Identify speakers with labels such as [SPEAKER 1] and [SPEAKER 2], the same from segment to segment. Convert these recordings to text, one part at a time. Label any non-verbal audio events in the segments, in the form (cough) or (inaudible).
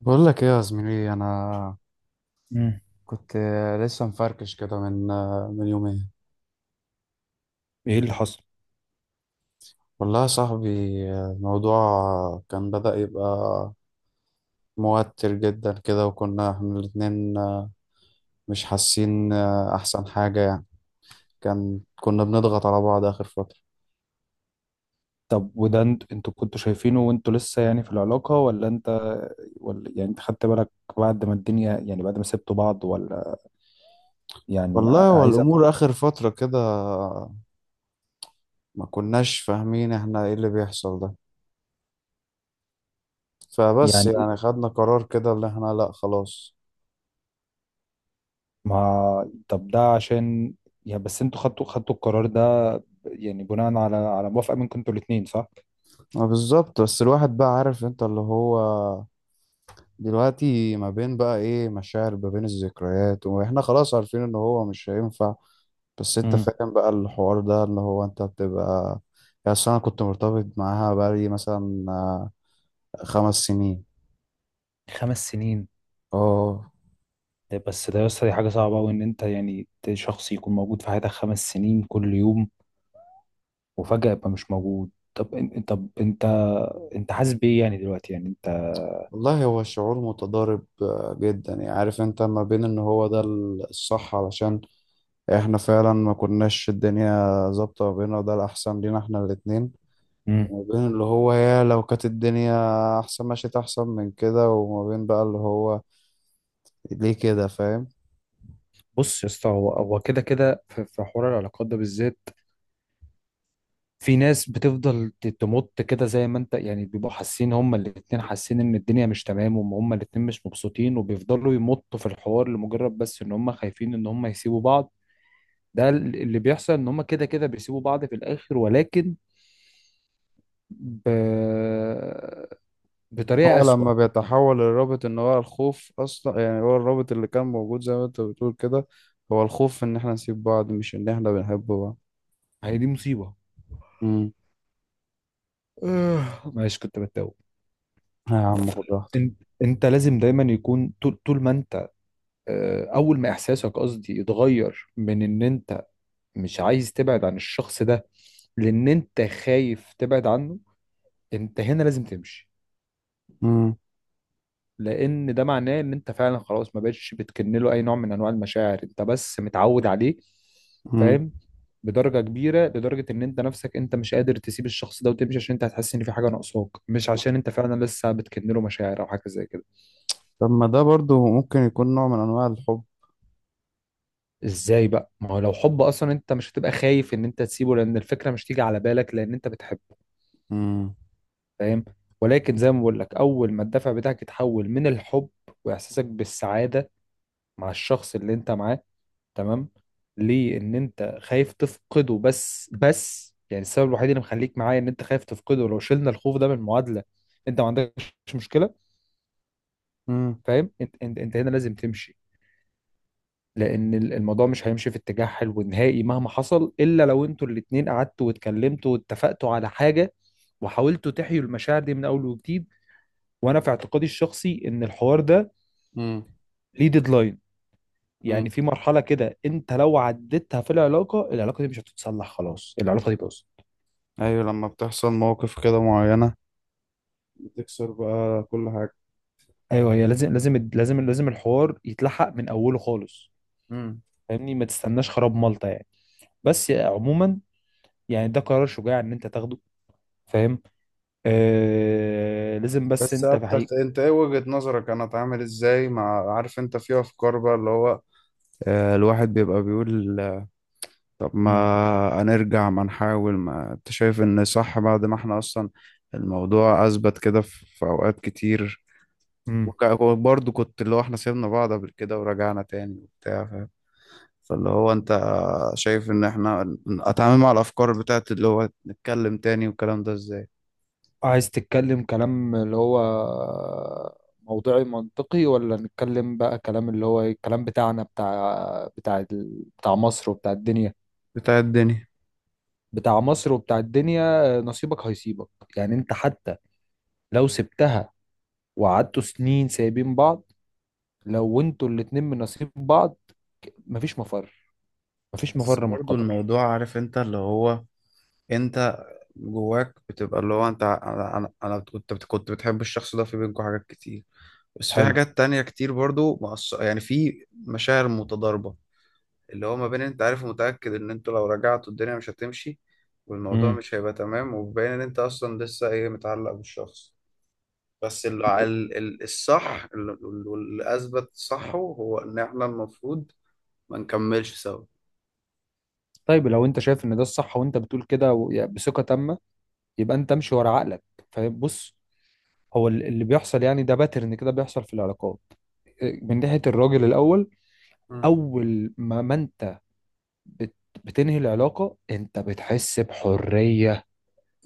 [SPEAKER 1] بقول لك ايه يا زميلي، انا
[SPEAKER 2] مم.
[SPEAKER 1] كنت لسه مفركش كده من يومين.
[SPEAKER 2] ايه اللي حصل؟
[SPEAKER 1] والله يا صاحبي، الموضوع كان بدأ يبقى موتر جدا كده، وكنا احنا الاتنين مش حاسين احسن حاجة، يعني كان كنا بنضغط على بعض اخر فترة.
[SPEAKER 2] طب وده انتوا كنتوا شايفينه وانتوا لسه يعني في العلاقة، ولا انت، ولا يعني انت خدت بالك بعد ما الدنيا، يعني بعد ما سبتوا بعض، ولا يعني
[SPEAKER 1] والله، والامور اخر فترة كده ما كناش فاهمين احنا ايه اللي بيحصل ده، فبس
[SPEAKER 2] يعني
[SPEAKER 1] يعني خدنا قرار كده اللي احنا لا خلاص.
[SPEAKER 2] ما طب ده عشان يعني بس انتوا خدتوا القرار ده يعني بناء على موافقة منكم انتوا الاتنين، صح؟
[SPEAKER 1] ما بالظبط، بس الواحد بقى عارف انت اللي هو دلوقتي ما بين بقى ايه مشاعر، ما بين الذكريات، واحنا خلاص عارفين ان هو مش هينفع. بس انت
[SPEAKER 2] امم
[SPEAKER 1] فاهم بقى الحوار ده اللي هو انت بتبقى. يعني أصل انا كنت مرتبط معاها بقالي مثلا 5 سنين.
[SPEAKER 2] 5 سنين.
[SPEAKER 1] اه.
[SPEAKER 2] ده بس ده يا اسطى دي حاجة صعبة أوي إن أنت شخص يكون موجود في حياتك 5 سنين كل يوم وفجأة يبقى مش موجود. طب انت، انت حاسس بايه يعني دلوقتي يعني انت؟
[SPEAKER 1] والله هو شعور متضارب جدا، يعني عارف انت، ما بين ان هو ده الصح علشان احنا فعلا ما كناش الدنيا ظابطة ما بيننا، وده الأحسن لينا احنا الاتنين.
[SPEAKER 2] مم.
[SPEAKER 1] وما بين اللي هو يا لو كانت الدنيا أحسن مشيت أحسن من كده، وما بين بقى اللي هو ليه كده فاهم.
[SPEAKER 2] بص يا اسطى، هو هو كده كده في حوار العلاقات ده بالذات في ناس بتفضل تمط كده، زي ما انت يعني بيبقوا حاسين، هما الاتنين حاسين ان الدنيا مش تمام، وهم هما الاتنين مش مبسوطين، وبيفضلوا يمطوا في الحوار لمجرد بس ان هما خايفين ان هما يسيبوا بعض. اللي بيحصل ان هما كده كده بيسيبوا بعض في الاخر، ولكن ب... بطريقة
[SPEAKER 1] هو
[SPEAKER 2] أسوأ.
[SPEAKER 1] لما بيتحول الرابط ان هو الخوف اصلا، يعني هو الرابط اللي كان موجود زي ما انت بتقول كده هو الخوف ان احنا نسيب بعض، مش ان احنا بنحب بعض.
[SPEAKER 2] هي دي مصيبة.
[SPEAKER 1] امم.
[SPEAKER 2] آه، معلش كنت بتوه.
[SPEAKER 1] يا عم خد راحتك.
[SPEAKER 2] انت، انت لازم دايما يكون طول ما انت آه، اول ما احساسك، قصدي، يتغير من ان انت مش عايز تبعد عن الشخص ده لان انت خايف تبعد عنه، انت هنا لازم تمشي.
[SPEAKER 1] امم.
[SPEAKER 2] لان ده معناه ان انت فعلا خلاص ما بقتش بتكن له اي نوع من انواع المشاعر، انت بس متعود عليه.
[SPEAKER 1] امم.
[SPEAKER 2] فاهم؟ بدرجة كبيرة لدرجة ان انت نفسك انت مش قادر تسيب الشخص ده وتمشي عشان انت هتحس ان في حاجة ناقصاك، مش عشان انت فعلا لسه بتكن له مشاعر او حاجة زي كده.
[SPEAKER 1] طب ما ده برضو ممكن يكون نوع من انواع الحب.
[SPEAKER 2] ازاي بقى؟ ما هو لو حب اصلا انت مش هتبقى خايف ان انت تسيبه، لان الفكره مش تيجي على بالك لان انت بتحبه.
[SPEAKER 1] امم.
[SPEAKER 2] فاهم؟ ولكن زي ما بقول لك، اول ما الدافع بتاعك يتحول من الحب واحساسك بالسعاده مع الشخص اللي انت معاه، تمام، ليه؟ ان انت خايف تفقده. بس يعني السبب الوحيد اللي مخليك معايا ان انت خايف تفقده، لو شلنا الخوف ده من المعادله انت ما عندكش مشكله.
[SPEAKER 1] امم.
[SPEAKER 2] فاهم؟ انت هنا لازم تمشي لان الموضوع مش هيمشي في اتجاه حلو نهائي مهما حصل، الا لو انتوا الاتنين قعدتوا واتكلمتوا واتفقتوا على حاجه وحاولتوا تحيوا المشاعر دي من اول وجديد. وانا في اعتقادي الشخصي ان الحوار ده
[SPEAKER 1] امم.
[SPEAKER 2] ليه ديدلاين.
[SPEAKER 1] امم.
[SPEAKER 2] يعني في مرحله كده انت لو عديتها في العلاقه، العلاقه دي مش هتتصلح، خلاص العلاقه دي باظت.
[SPEAKER 1] ايوه، لما بتحصل مواقف كده معينة بتكسر بقى كل حاجة.
[SPEAKER 2] ايوه هي لازم الحوار يتلحق من اوله خالص.
[SPEAKER 1] امم.
[SPEAKER 2] فاهمني؟ ما تستناش خراب ملطه يعني. بس عموما، يعني ده قرار شجاع ان انت تاخده. فاهم؟ آه لازم، بس
[SPEAKER 1] بس
[SPEAKER 2] انت
[SPEAKER 1] انت انت ايه وجهة نظرك؟ انا اتعامل ازاي مع عارف انت، في افكار بقى اللي هو الواحد بيبقى بيقول، طب ما
[SPEAKER 2] مم.
[SPEAKER 1] هنرجع ما نحاول، ما انت شايف ان صح بعد ما احنا اصلا الموضوع اثبت كده في اوقات كتير.
[SPEAKER 2] امم.
[SPEAKER 1] وبرضه كنت اللي هو احنا سيبنا بعض قبل كده ورجعنا تاني وبتاع فاهم. فاللي هو انت شايف ان احنا اتعامل مع الافكار بتاعت اللي هو نتكلم تاني والكلام ده ازاي.
[SPEAKER 2] عايز تتكلم كلام اللي هو موضوعي منطقي، ولا نتكلم بقى كلام اللي هو إيه؟ الكلام بتاعنا بتاع بتاع مصر وبتاع الدنيا.
[SPEAKER 1] بتاع الدنيا.
[SPEAKER 2] بتاع مصر وبتاع الدنيا، نصيبك هيصيبك. يعني انت حتى لو سبتها وقعدتوا سنين سايبين بعض، لو انتوا الاتنين من نصيب بعض مفيش مفر، مفيش
[SPEAKER 1] بس
[SPEAKER 2] مفر من
[SPEAKER 1] برضه
[SPEAKER 2] القدر.
[SPEAKER 1] الموضوع عارف انت اللي هو انت جواك بتبقى اللي هو انت، انا انا أنا كنت بتحب الشخص ده، في بينكم حاجات كتير، بس في
[SPEAKER 2] حلو.
[SPEAKER 1] حاجات تانية كتير برضو يعني في مشاعر متضاربة. اللي هو ما بين انت عارف ومتأكد ان انتوا لو رجعتوا الدنيا مش هتمشي والموضوع
[SPEAKER 2] امم.
[SPEAKER 1] مش هيبقى تمام، وبين ان انت اصلا لسه ايه متعلق بالشخص. بس الصح، واللي اثبت صحه هو ان احنا المفروض ما نكملش سوا.
[SPEAKER 2] طيب لو انت شايف ان ده الصح، وانت بتقول كده يعني بثقة تامة، يبقى انت امشي ورا عقلك. فبص، هو اللي بيحصل يعني، ده باترن كده بيحصل في العلاقات. إيه، من ناحية الراجل الأول،
[SPEAKER 1] مم.
[SPEAKER 2] أول ما أنت بت- بتنهي العلاقة أنت بتحس بحرية،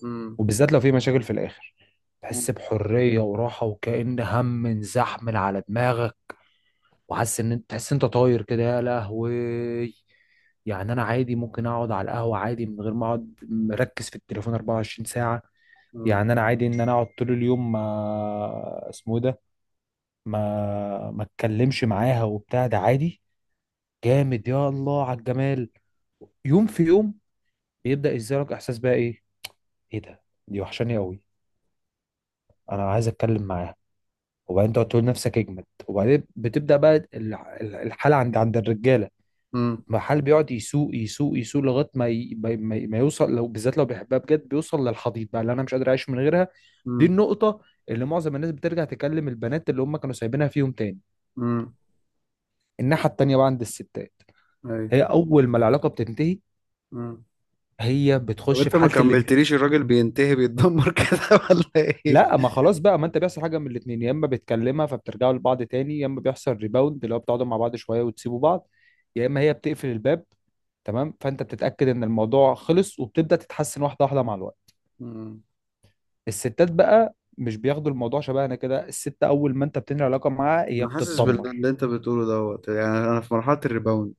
[SPEAKER 1] مم.
[SPEAKER 2] وبالذات لو في مشاكل في الآخر، تحس بحرية وراحة وكأن هم انزحمل على دماغك، وحاسس إن أنت، تحس أنت طاير كده، يا لهوي. يعني أنا عادي ممكن أقعد على القهوة عادي من غير ما أقعد مركز في التليفون 24 ساعة.
[SPEAKER 1] مم.
[SPEAKER 2] يعني أنا عادي إن أنا أقعد طول اليوم، ما اسمه إيه ده، ما اتكلمش معاها وبتاع، ده عادي، جامد، يا الله على الجمال. يوم في يوم بيبدأ يزيلك احساس بقى ايه؟ ايه ده؟ دي وحشاني قوي، انا عايز اتكلم معاها. وبعدين تقعد تقول نفسك اجمد، وبعدين بتبدأ بقى الحالة عند الرجالة.
[SPEAKER 1] مم.
[SPEAKER 2] المحل بيقعد يسوق يسوق لغاية ما يوصل، لو بالذات لو بيحبها بجد بيوصل للحضيض بقى، اللي انا مش قادر اعيش من غيرها. دي
[SPEAKER 1] مم.
[SPEAKER 2] النقطة اللي معظم الناس بترجع تكلم البنات اللي هم كانوا سايبينها فيهم تاني.
[SPEAKER 1] مم.
[SPEAKER 2] الناحية التانية بقى عند الستات،
[SPEAKER 1] أيوة.
[SPEAKER 2] هي اول ما العلاقه بتنتهي
[SPEAKER 1] مم.
[SPEAKER 2] هي
[SPEAKER 1] طب
[SPEAKER 2] بتخش
[SPEAKER 1] انت
[SPEAKER 2] في
[SPEAKER 1] ما
[SPEAKER 2] حاله اللي.
[SPEAKER 1] كملتليش، الراجل بينتهي بيتدمر كده (laughs) ولا ايه؟
[SPEAKER 2] لا ما خلاص بقى، ما انت بيحصل حاجه من الاثنين، يا اما بتكلمها فبترجعوا لبعض تاني، يا اما بيحصل ريباوند اللي هو بتقعدوا مع بعض شويه وتسيبوا بعض، يا اما هي بتقفل الباب، تمام، فانت بتتاكد ان الموضوع خلص وبتبدا تتحسن واحده واحده مع الوقت.
[SPEAKER 1] مم.
[SPEAKER 2] الستات بقى مش بياخدوا الموضوع شبهنا كده، الست اول ما انت بتنهي علاقه معاها هي
[SPEAKER 1] انا حاسس
[SPEAKER 2] بتتدمر.
[SPEAKER 1] باللي انت بتقوله دوت، يعني انا في مرحله الريباوند.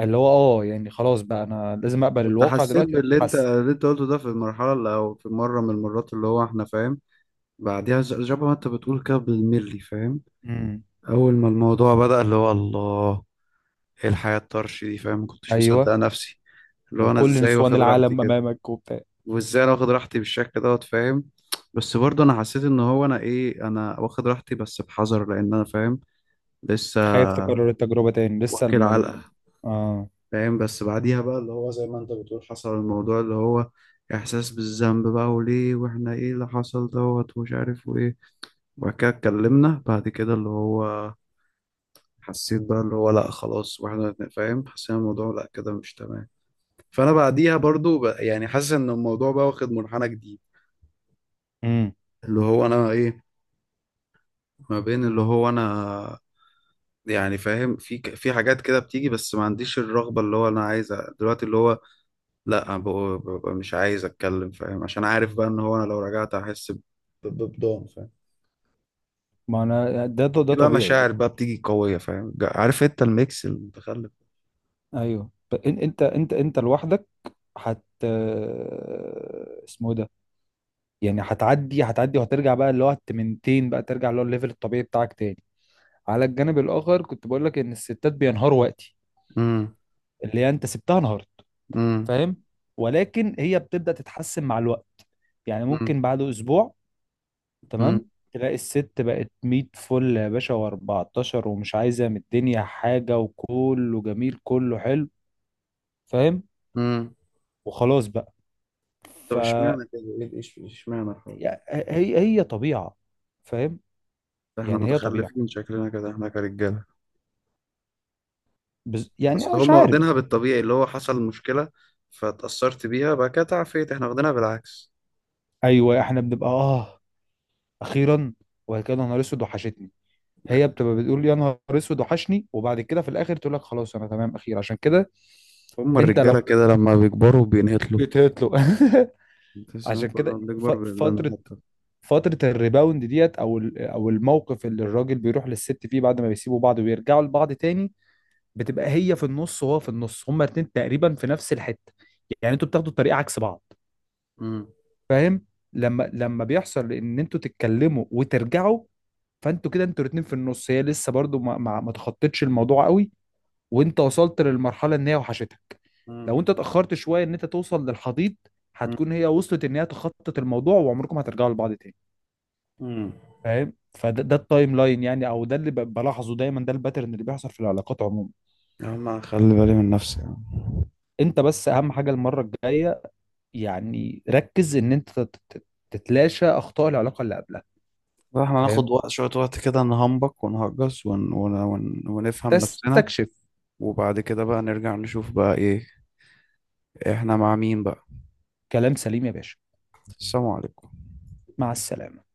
[SPEAKER 2] اللي هو اه يعني خلاص بقى انا لازم اقبل
[SPEAKER 1] كنت
[SPEAKER 2] الواقع
[SPEAKER 1] حسيت
[SPEAKER 2] دلوقتي
[SPEAKER 1] باللي انت
[SPEAKER 2] واتحسن.
[SPEAKER 1] اللي انت قلته ده في المرحله اللي او في مره من المرات اللي هو احنا فاهم بعديها، شبه ما انت بتقول كده بالملي فاهم.
[SPEAKER 2] امم.
[SPEAKER 1] اول ما الموضوع بدأ اللي هو الله، ايه الحياه الطرش دي فاهم، ما كنتش مصدق
[SPEAKER 2] ايوه.
[SPEAKER 1] نفسي. اللي هو انا
[SPEAKER 2] وكل
[SPEAKER 1] ازاي
[SPEAKER 2] نسوان
[SPEAKER 1] واخد راحتي
[SPEAKER 2] العالم
[SPEAKER 1] كده،
[SPEAKER 2] امامك وبتاع.
[SPEAKER 1] وازاي انا واخد راحتي بالشكل دوت فاهم. بس برضه انا حسيت ان هو انا ايه، انا واخد راحتي بس بحذر، لان انا فاهم لسه
[SPEAKER 2] خايف تكرر التجربة تاني، لسه
[SPEAKER 1] واكل
[SPEAKER 2] لما
[SPEAKER 1] علقه
[SPEAKER 2] اه.
[SPEAKER 1] فاهم. بس بعديها بقى اللي هو زي ما انت بتقول حصل الموضوع اللي هو احساس بالذنب بقى، وليه، واحنا ايه اللي حصل دوت، ومش عارف، وايه. وبعد كده اتكلمنا بعد كده اللي هو حسيت بقى اللي هو لا خلاص، واحنا فاهم حسينا الموضوع لا كده مش تمام. فانا بعديها برضو يعني حاسس ان الموضوع بقى واخد منحنى جديد.
[SPEAKER 2] امم.
[SPEAKER 1] اللي هو انا ايه، ما بين اللي هو انا، يعني فاهم في حاجات كده بتيجي، بس ما عنديش الرغبة اللي هو انا عايزها دلوقتي، اللي هو لا، أنا ببقى مش عايز اتكلم فاهم، عشان عارف بقى ان هو انا لو رجعت هحس بضم فاهم.
[SPEAKER 2] ما انا ده ده
[SPEAKER 1] في بقى
[SPEAKER 2] طبيعي بقى.
[SPEAKER 1] مشاعر بقى بتيجي قوية فاهم، عارف انت الميكس المتخلف.
[SPEAKER 2] ايوه انت لوحدك هت، اسمه إيه ده، يعني هتعدي وهترجع بقى اللي هو التمنتين بقى، ترجع اللي هو الليفل الطبيعي بتاعك تاني. على الجانب الاخر كنت بقول لك ان الستات بينهاروا وقتي
[SPEAKER 1] امم.
[SPEAKER 2] اللي هي انت سبتها انهارت.
[SPEAKER 1] امم.
[SPEAKER 2] فاهم؟ ولكن هي بتبدأ تتحسن مع الوقت، يعني
[SPEAKER 1] امم.
[SPEAKER 2] ممكن بعد اسبوع، تمام،
[SPEAKER 1] امم.
[SPEAKER 2] تلاقي الست بقت 100 فل يا باشا و14، ومش عايزه من الدنيا حاجه، وكله جميل كله حلو. فاهم؟
[SPEAKER 1] امم.
[SPEAKER 2] وخلاص بقى. ف،
[SPEAKER 1] طب اشمعنى كده، ايه ايش اشمعنى الحوار ده؟
[SPEAKER 2] هي طبيعه. فاهم؟
[SPEAKER 1] ده احنا
[SPEAKER 2] يعني هي طبيعه.
[SPEAKER 1] متخلفين شكلنا كده احنا كرجالة.
[SPEAKER 2] يعني
[SPEAKER 1] بس
[SPEAKER 2] أنا مش
[SPEAKER 1] هم
[SPEAKER 2] عارف.
[SPEAKER 1] واخدينها بالطبيعي، اللي هو حصل مشكلة فاتأثرت بيها بقى كده تعافيت، احنا واخدينها بالعكس.
[SPEAKER 2] ايوه احنا بنبقى اه، اخيرا، وبعد كده يا نهار اسود وحشتني.
[SPEAKER 1] لا،
[SPEAKER 2] هي بتبقى بتقول يا نهار اسود وحشني، وبعد كده في الاخر تقول لك خلاص انا تمام، اخير عشان كده.
[SPEAKER 1] هم
[SPEAKER 2] انت لو
[SPEAKER 1] الرجالة كده لما بيكبروا بينهتلوا.
[SPEAKER 2] بتهتله (laughs)
[SPEAKER 1] تحس انك
[SPEAKER 2] عشان
[SPEAKER 1] كل ما
[SPEAKER 2] كده
[SPEAKER 1] بنكبر
[SPEAKER 2] فترة،
[SPEAKER 1] بنبقى
[SPEAKER 2] فترة الريباوند ديت، او او الموقف اللي الراجل بيروح للست فيه بعد ما بيسيبوا بعض ويرجعوا لبعض تاني، بتبقى هي في النص وهو في النص، هما الاتنين تقريبا في نفس الحتة. يعني انتوا بتاخدوا الطريق عكس بعض. فاهم؟ لما بيحصل ان انتوا تتكلموا وترجعوا، فانتوا كده انتوا الاتنين في النص، هي لسه برضو ما تخطتش الموضوع قوي، وانت وصلت للمرحلة ان هي وحشتك.
[SPEAKER 1] نهتل.
[SPEAKER 2] لو انت اتأخرت شوية ان انت توصل للحضيض،
[SPEAKER 1] مم.
[SPEAKER 2] هتكون هي وصلت ان هي تخطط الموضوع وعمركم هترجعوا لبعض تاني.
[SPEAKER 1] مم.
[SPEAKER 2] فاهم؟ فده ده التايم لاين يعني، او ده اللي بلاحظه دايما، ده الباترن اللي بيحصل في العلاقات عموما.
[SPEAKER 1] يا عم أنا خلي بالي من نفسي يعني.
[SPEAKER 2] انت بس اهم حاجه المره الجايه، يعني ركز ان انت تتلاشى اخطاء العلاقه اللي قبلها.
[SPEAKER 1] لا، احنا
[SPEAKER 2] فاهم؟
[SPEAKER 1] هناخد وقت، شوية وقت كده نهمبك ونهجس ونفهم نفسنا.
[SPEAKER 2] تستكشف.
[SPEAKER 1] وبعد كده بقى نرجع نشوف بقى ايه، احنا مع مين بقى.
[SPEAKER 2] كلام سليم يا باشا.
[SPEAKER 1] السلام عليكم.
[SPEAKER 2] مع السلامه.